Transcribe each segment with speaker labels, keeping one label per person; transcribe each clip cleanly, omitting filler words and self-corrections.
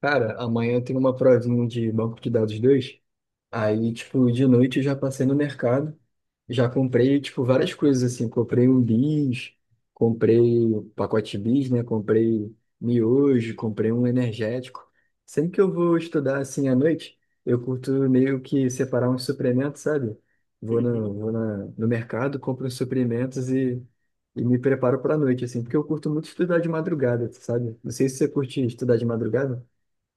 Speaker 1: Cara, amanhã tem uma provinha de banco de dados dois. Aí, tipo, de noite eu já passei no mercado. Já comprei, tipo, várias coisas, assim. Comprei um bis, comprei pacote bis, né? Comprei miojo, comprei um energético. Sempre que eu vou estudar, assim, à noite, eu curto meio que separar uns suplementos, sabe? Vou no,
Speaker 2: Uhum.
Speaker 1: vou na, No mercado, compro uns suplementos e me preparo pra noite, assim. Porque eu curto muito estudar de madrugada, sabe? Não sei se você curte estudar de madrugada.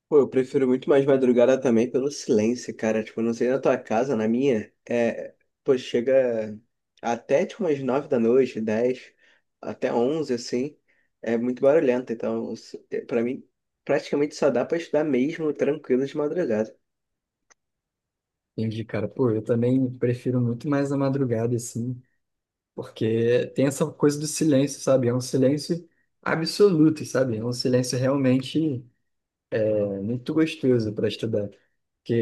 Speaker 2: Pô, eu prefiro muito mais madrugada também pelo silêncio, cara. Tipo, não sei na tua casa, na minha, pô, chega até tipo umas 9 da noite, 10, até 11, assim, é muito barulhento. Então, pra mim, praticamente só dá pra estudar mesmo tranquilo de madrugada.
Speaker 1: Entendi, cara. Pô, eu também prefiro muito mais a madrugada, assim, porque tem essa coisa do silêncio, sabe? É um silêncio absoluto, sabe? É um silêncio realmente muito gostoso para estudar. Porque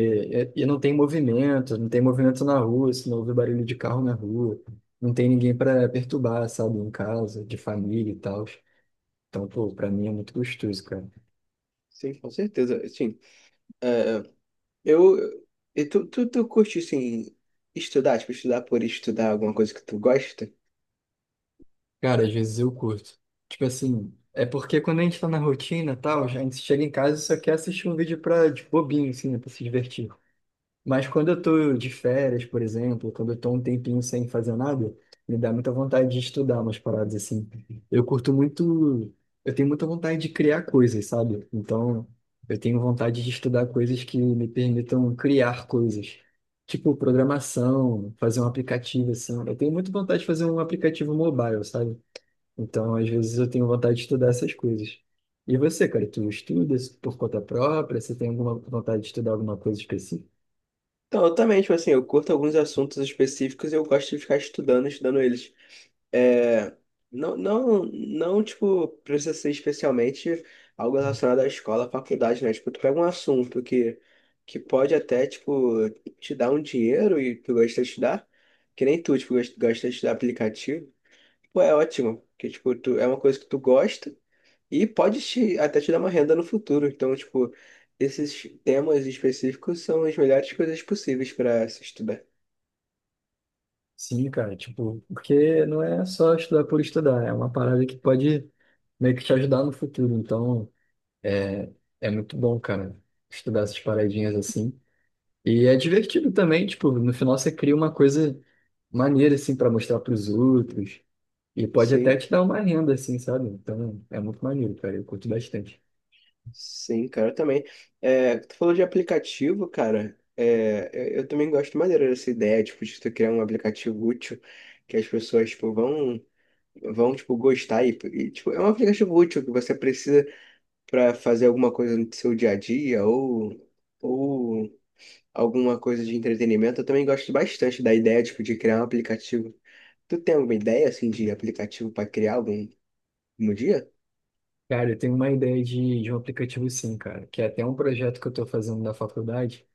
Speaker 1: e não tem movimento, não tem movimento na rua, se não ouve barulho de carro na rua, não tem ninguém para perturbar, sabe? Em casa, de família e tal. Então, pô, para mim é muito gostoso, cara.
Speaker 2: Sim, com certeza. Sim, é, eu, e tu curte, assim, estudar, tipo, estudar por estudar alguma coisa que tu gosta?
Speaker 1: Cara, às vezes eu curto. Tipo assim, é porque quando a gente tá na rotina e tal, a gente chega em casa e só quer assistir um vídeo pra, de bobinho, assim, né, pra se divertir. Mas quando eu tô de férias, por exemplo, quando eu tô um tempinho sem fazer nada, me dá muita vontade de estudar umas paradas assim. Eu curto muito, eu tenho muita vontade de criar coisas, sabe? Então, eu tenho vontade de estudar coisas que me permitam criar coisas. Tipo, programação, fazer um aplicativo, assim. Eu tenho muita vontade de fazer um aplicativo mobile, sabe? Então, às vezes eu tenho vontade de estudar essas coisas. E você, cara, tu estuda por conta própria? Você tem alguma vontade de estudar alguma coisa específica?
Speaker 2: Então, eu também, tipo assim, eu curto alguns assuntos específicos e eu gosto de ficar estudando eles. É, não, não, não, tipo, precisa ser especialmente algo relacionado à escola, à faculdade, né? Tipo, tu pega um assunto que pode até, tipo, te dar um dinheiro e tu gosta de estudar, que nem tu, tipo, gosta gosta de estudar aplicativo, pô, é ótimo, porque, tipo, tu, é uma coisa que tu gosta e pode até te dar uma renda no futuro. Então, tipo, esses temas específicos são as melhores coisas possíveis para se estudar.
Speaker 1: Sim, cara, tipo, porque não é só estudar por estudar, é uma parada que pode meio que te ajudar no futuro. Então, é, é muito bom, cara, estudar essas paradinhas assim. E é divertido também, tipo, no final você cria uma coisa maneira, assim, pra mostrar pros outros. E pode até
Speaker 2: Sim,
Speaker 1: te dar uma renda, assim, sabe? Então, é muito maneiro, cara, eu curto bastante.
Speaker 2: sim, cara, também. É, tu falou de aplicativo, cara. É, eu também gosto maneiro dessa ideia, tipo, de tu criar um aplicativo útil que as pessoas, tipo, vão, tipo, gostar. E, tipo, é um aplicativo útil que você precisa para fazer alguma coisa no seu dia a dia ou... ou alguma coisa de entretenimento, eu também gosto bastante da ideia, tipo, de criar um aplicativo. Tu tem alguma ideia, assim, de aplicativo para criar algum dia?
Speaker 1: Cara, eu tenho uma ideia de um aplicativo sim, cara, que é até um projeto que eu estou fazendo na faculdade,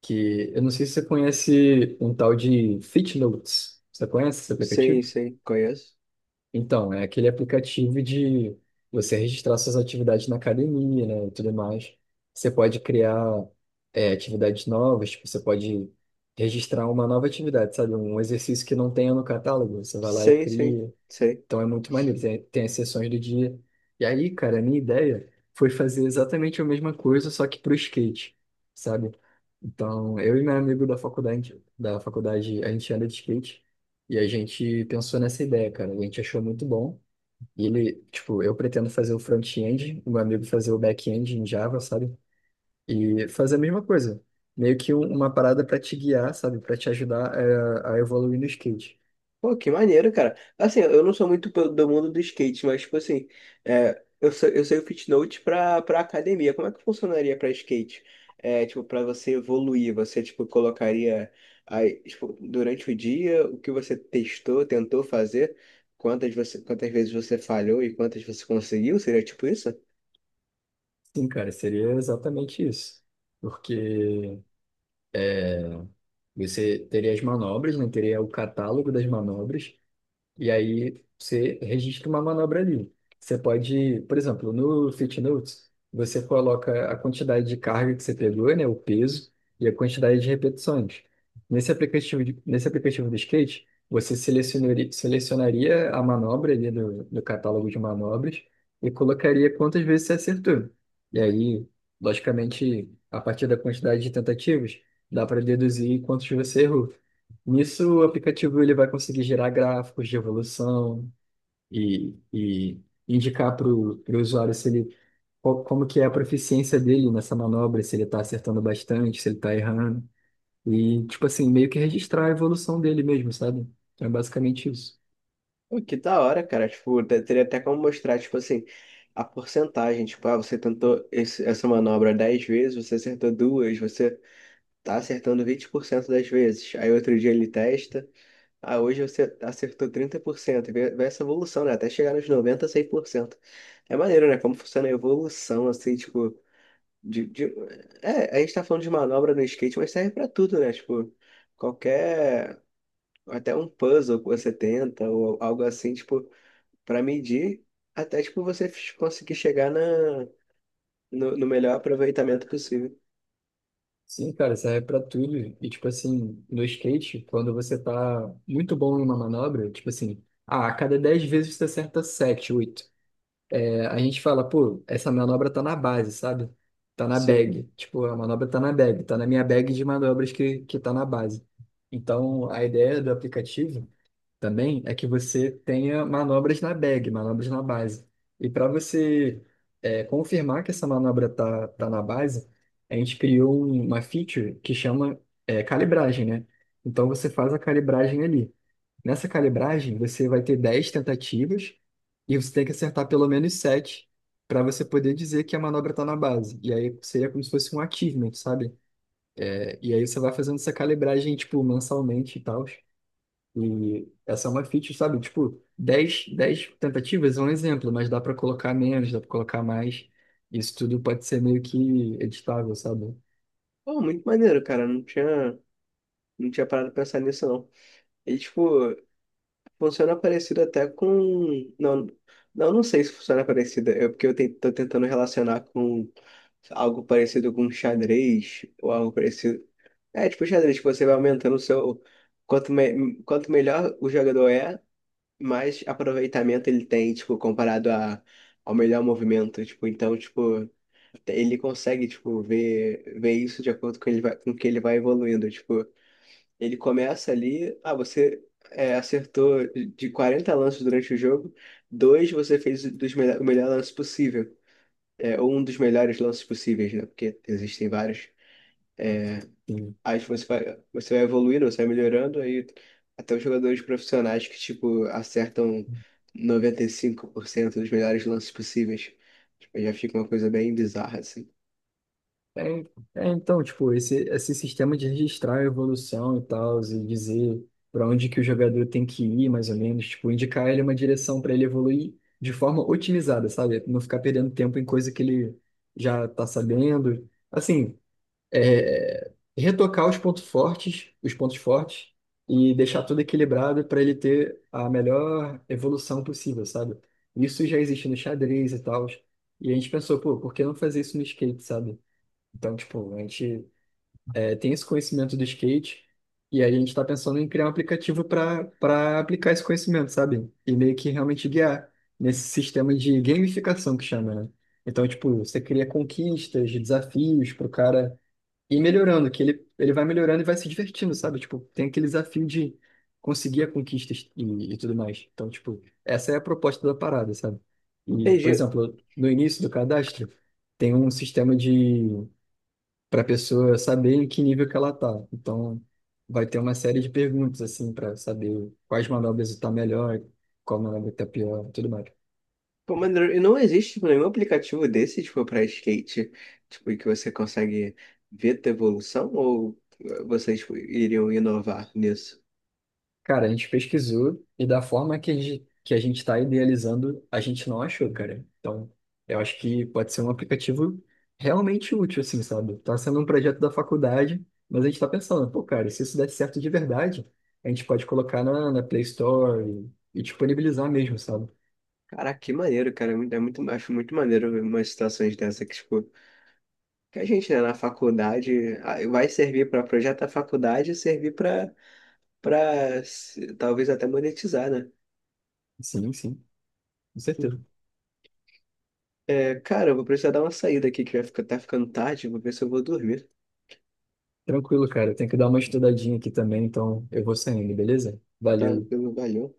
Speaker 1: que eu não sei se você conhece um tal de FitNotes. Você conhece esse
Speaker 2: Sim,
Speaker 1: aplicativo?
Speaker 2: sim, conheço.
Speaker 1: Então, é aquele aplicativo de você registrar suas atividades na academia, né, e tudo mais. Você pode criar atividades novas, tipo, você pode registrar uma nova atividade, sabe? Um exercício que não tenha no catálogo, você vai lá e
Speaker 2: Sim, sim,
Speaker 1: cria.
Speaker 2: sim.
Speaker 1: Então é muito maneiro, tem as sessões do dia. E aí, cara, a minha ideia foi fazer exatamente a mesma coisa, só que pro skate, sabe? Então, eu e meu amigo da faculdade, a gente anda de skate e a gente pensou nessa ideia, cara. A gente achou muito bom. E ele, tipo, eu pretendo fazer o front-end, o meu amigo fazer o back-end em Java, sabe? E fazer a mesma coisa. Meio que uma parada para te guiar, sabe? Para te ajudar a evoluir no skate.
Speaker 2: Pô, que maneiro, cara. Assim, eu não sou muito do mundo do skate, mas, tipo assim, eu sei o Fitnote pra academia. Como é que funcionaria pra skate? É, tipo, pra você evoluir, você, tipo, colocaria aí, tipo, durante o dia o que você testou, tentou fazer, quantas vezes você falhou e quantas você conseguiu? Seria tipo isso?
Speaker 1: Sim, cara, seria exatamente isso. Porque você teria as manobras, né? Teria o catálogo das manobras, e aí você registra uma manobra ali. Você pode, por exemplo, no FitNotes, você coloca a quantidade de carga que você pegou, né, o peso e a quantidade de repetições. Nesse aplicativo do skate, você selecionaria, selecionaria a manobra ali do catálogo de manobras e colocaria quantas vezes você acertou. E aí, logicamente, a partir da quantidade de tentativas, dá para deduzir quantos você errou. Nisso, o aplicativo ele vai conseguir gerar gráficos de evolução e indicar para o usuário se ele, qual- como que é a proficiência dele nessa manobra, se ele está acertando bastante, se ele está errando. E, tipo assim, meio que registrar a evolução dele mesmo, sabe? Então, é basicamente isso.
Speaker 2: Pô, que da hora, cara. Tipo, teria até como mostrar, tipo assim, a porcentagem. Tipo, ah, você tentou essa manobra 10 vezes, você acertou duas, você tá acertando 20% das vezes. Aí outro dia ele testa. Ah, hoje você acertou 30%. Vê essa evolução, né? Até chegar nos noventa 100%. É maneiro, né? Como funciona a evolução, assim, tipo... De... É, a gente tá falando de manobra no skate, mas serve pra tudo, né? Tipo, qualquer... Até um puzzle que você tenta, ou algo assim, tipo, pra medir, até, tipo, você conseguir chegar na, no, no melhor aproveitamento possível.
Speaker 1: Sim, cara, serve para tudo. E, tipo assim, no skate, quando você tá muito bom em uma manobra, tipo assim, ah, a cada 10 vezes você acerta 7 oito. A gente fala, pô, essa manobra tá na base, sabe? Tá na
Speaker 2: Sim.
Speaker 1: bag. Tipo, a manobra tá na bag, tá na minha bag de manobras que tá na base. Então, a ideia do aplicativo também é que você tenha manobras na bag, manobras na base. E para você confirmar que essa manobra tá na base, a gente criou uma feature que chama calibragem, né? Então, você faz a calibragem ali. Nessa calibragem, você vai ter 10 tentativas e você tem que acertar pelo menos 7 para você poder dizer que a manobra está na base. E aí seria como se fosse um achievement, sabe? É, e aí você vai fazendo essa calibragem, tipo, mensalmente e tal. E essa é uma feature, sabe? Tipo, dez tentativas é um exemplo, mas dá para colocar menos, dá para colocar mais. Isso tudo pode ser meio que editável, sabe?
Speaker 2: Pô, muito maneiro, cara. Não tinha parado pra pensar nisso, não. E, tipo, funciona parecido até com... Não, não, não sei se funciona parecido. É porque eu tô tentando relacionar com algo parecido com xadrez ou algo parecido. É, tipo, xadrez, que você vai aumentando o seu. Quanto melhor o jogador é, mais aproveitamento ele tem, tipo, comparado ao melhor movimento. Tipo, então, tipo, ele consegue, tipo, ver isso de acordo com, com que ele vai evoluindo. Tipo. Ele começa ali, ah, você acertou de 40 lances durante o jogo, dois você fez o melhor lance possível, ou um dos melhores lances possíveis, né? Porque existem vários. Aí você vai evoluindo, você vai melhorando, aí até os jogadores profissionais que, tipo, acertam 95% dos melhores lances possíveis. Tipo, já fica uma coisa bem bizarra, assim.
Speaker 1: É, então, tipo, esse sistema de registrar a evolução e tal, e dizer para onde que o jogador tem que ir, mais ou menos, tipo, indicar ele uma direção para ele evoluir de forma otimizada, sabe? Não ficar perdendo tempo em coisa que ele já tá sabendo. Assim, retocar os pontos fortes, e deixar tudo equilibrado para ele ter a melhor evolução possível, sabe? Isso já existe no xadrez e tal. E a gente pensou, pô, por que não fazer isso no skate, sabe? Então, tipo, a gente tem esse conhecimento do skate e aí a gente está pensando em criar um aplicativo para aplicar esse conhecimento, sabe? E meio que realmente guiar nesse sistema de gamificação que chama, né? Então, tipo, você cria conquistas, desafios para o cara ir melhorando, ele vai melhorando e vai se divertindo, sabe? Tipo, tem aquele desafio de conseguir a conquista e tudo mais. Então, tipo, essa é a proposta da parada, sabe? E, por
Speaker 2: Entendi.
Speaker 1: exemplo, no início do cadastro, tem um sistema de para a pessoa saber em que nível que ela tá. Então, vai ter uma série de perguntas assim para saber quais manobras está melhor, qual manobra está pior, tudo mais.
Speaker 2: Pô, maneiro. E não existe, tipo, nenhum aplicativo desse, tipo, pra skate, tipo, em que você consegue ver tua evolução ou vocês, tipo, iriam inovar nisso?
Speaker 1: Cara, a gente pesquisou e da forma que que a gente está idealizando, a gente não achou, cara. Então, eu acho que pode ser um aplicativo realmente útil, assim, sabe? Tá sendo um projeto da faculdade, mas a gente está pensando, pô, cara, se isso der certo de verdade, a gente pode colocar na Play Store e disponibilizar mesmo, sabe?
Speaker 2: Caraca, que maneiro, cara. É muito, acho muito maneiro ver umas situações dessa que, tipo, que a gente, né, na faculdade vai servir pra projeto da faculdade e servir pra talvez até monetizar, né?
Speaker 1: Sim, sim, com certeza.
Speaker 2: É, cara, eu vou precisar dar uma saída aqui que vai ficar, tá ficando tarde, vou ver se eu vou dormir,
Speaker 1: Tranquilo, cara. Eu tenho que dar uma estudadinha aqui também, então eu vou saindo, beleza?
Speaker 2: tá?
Speaker 1: Valeu.
Speaker 2: Valeu.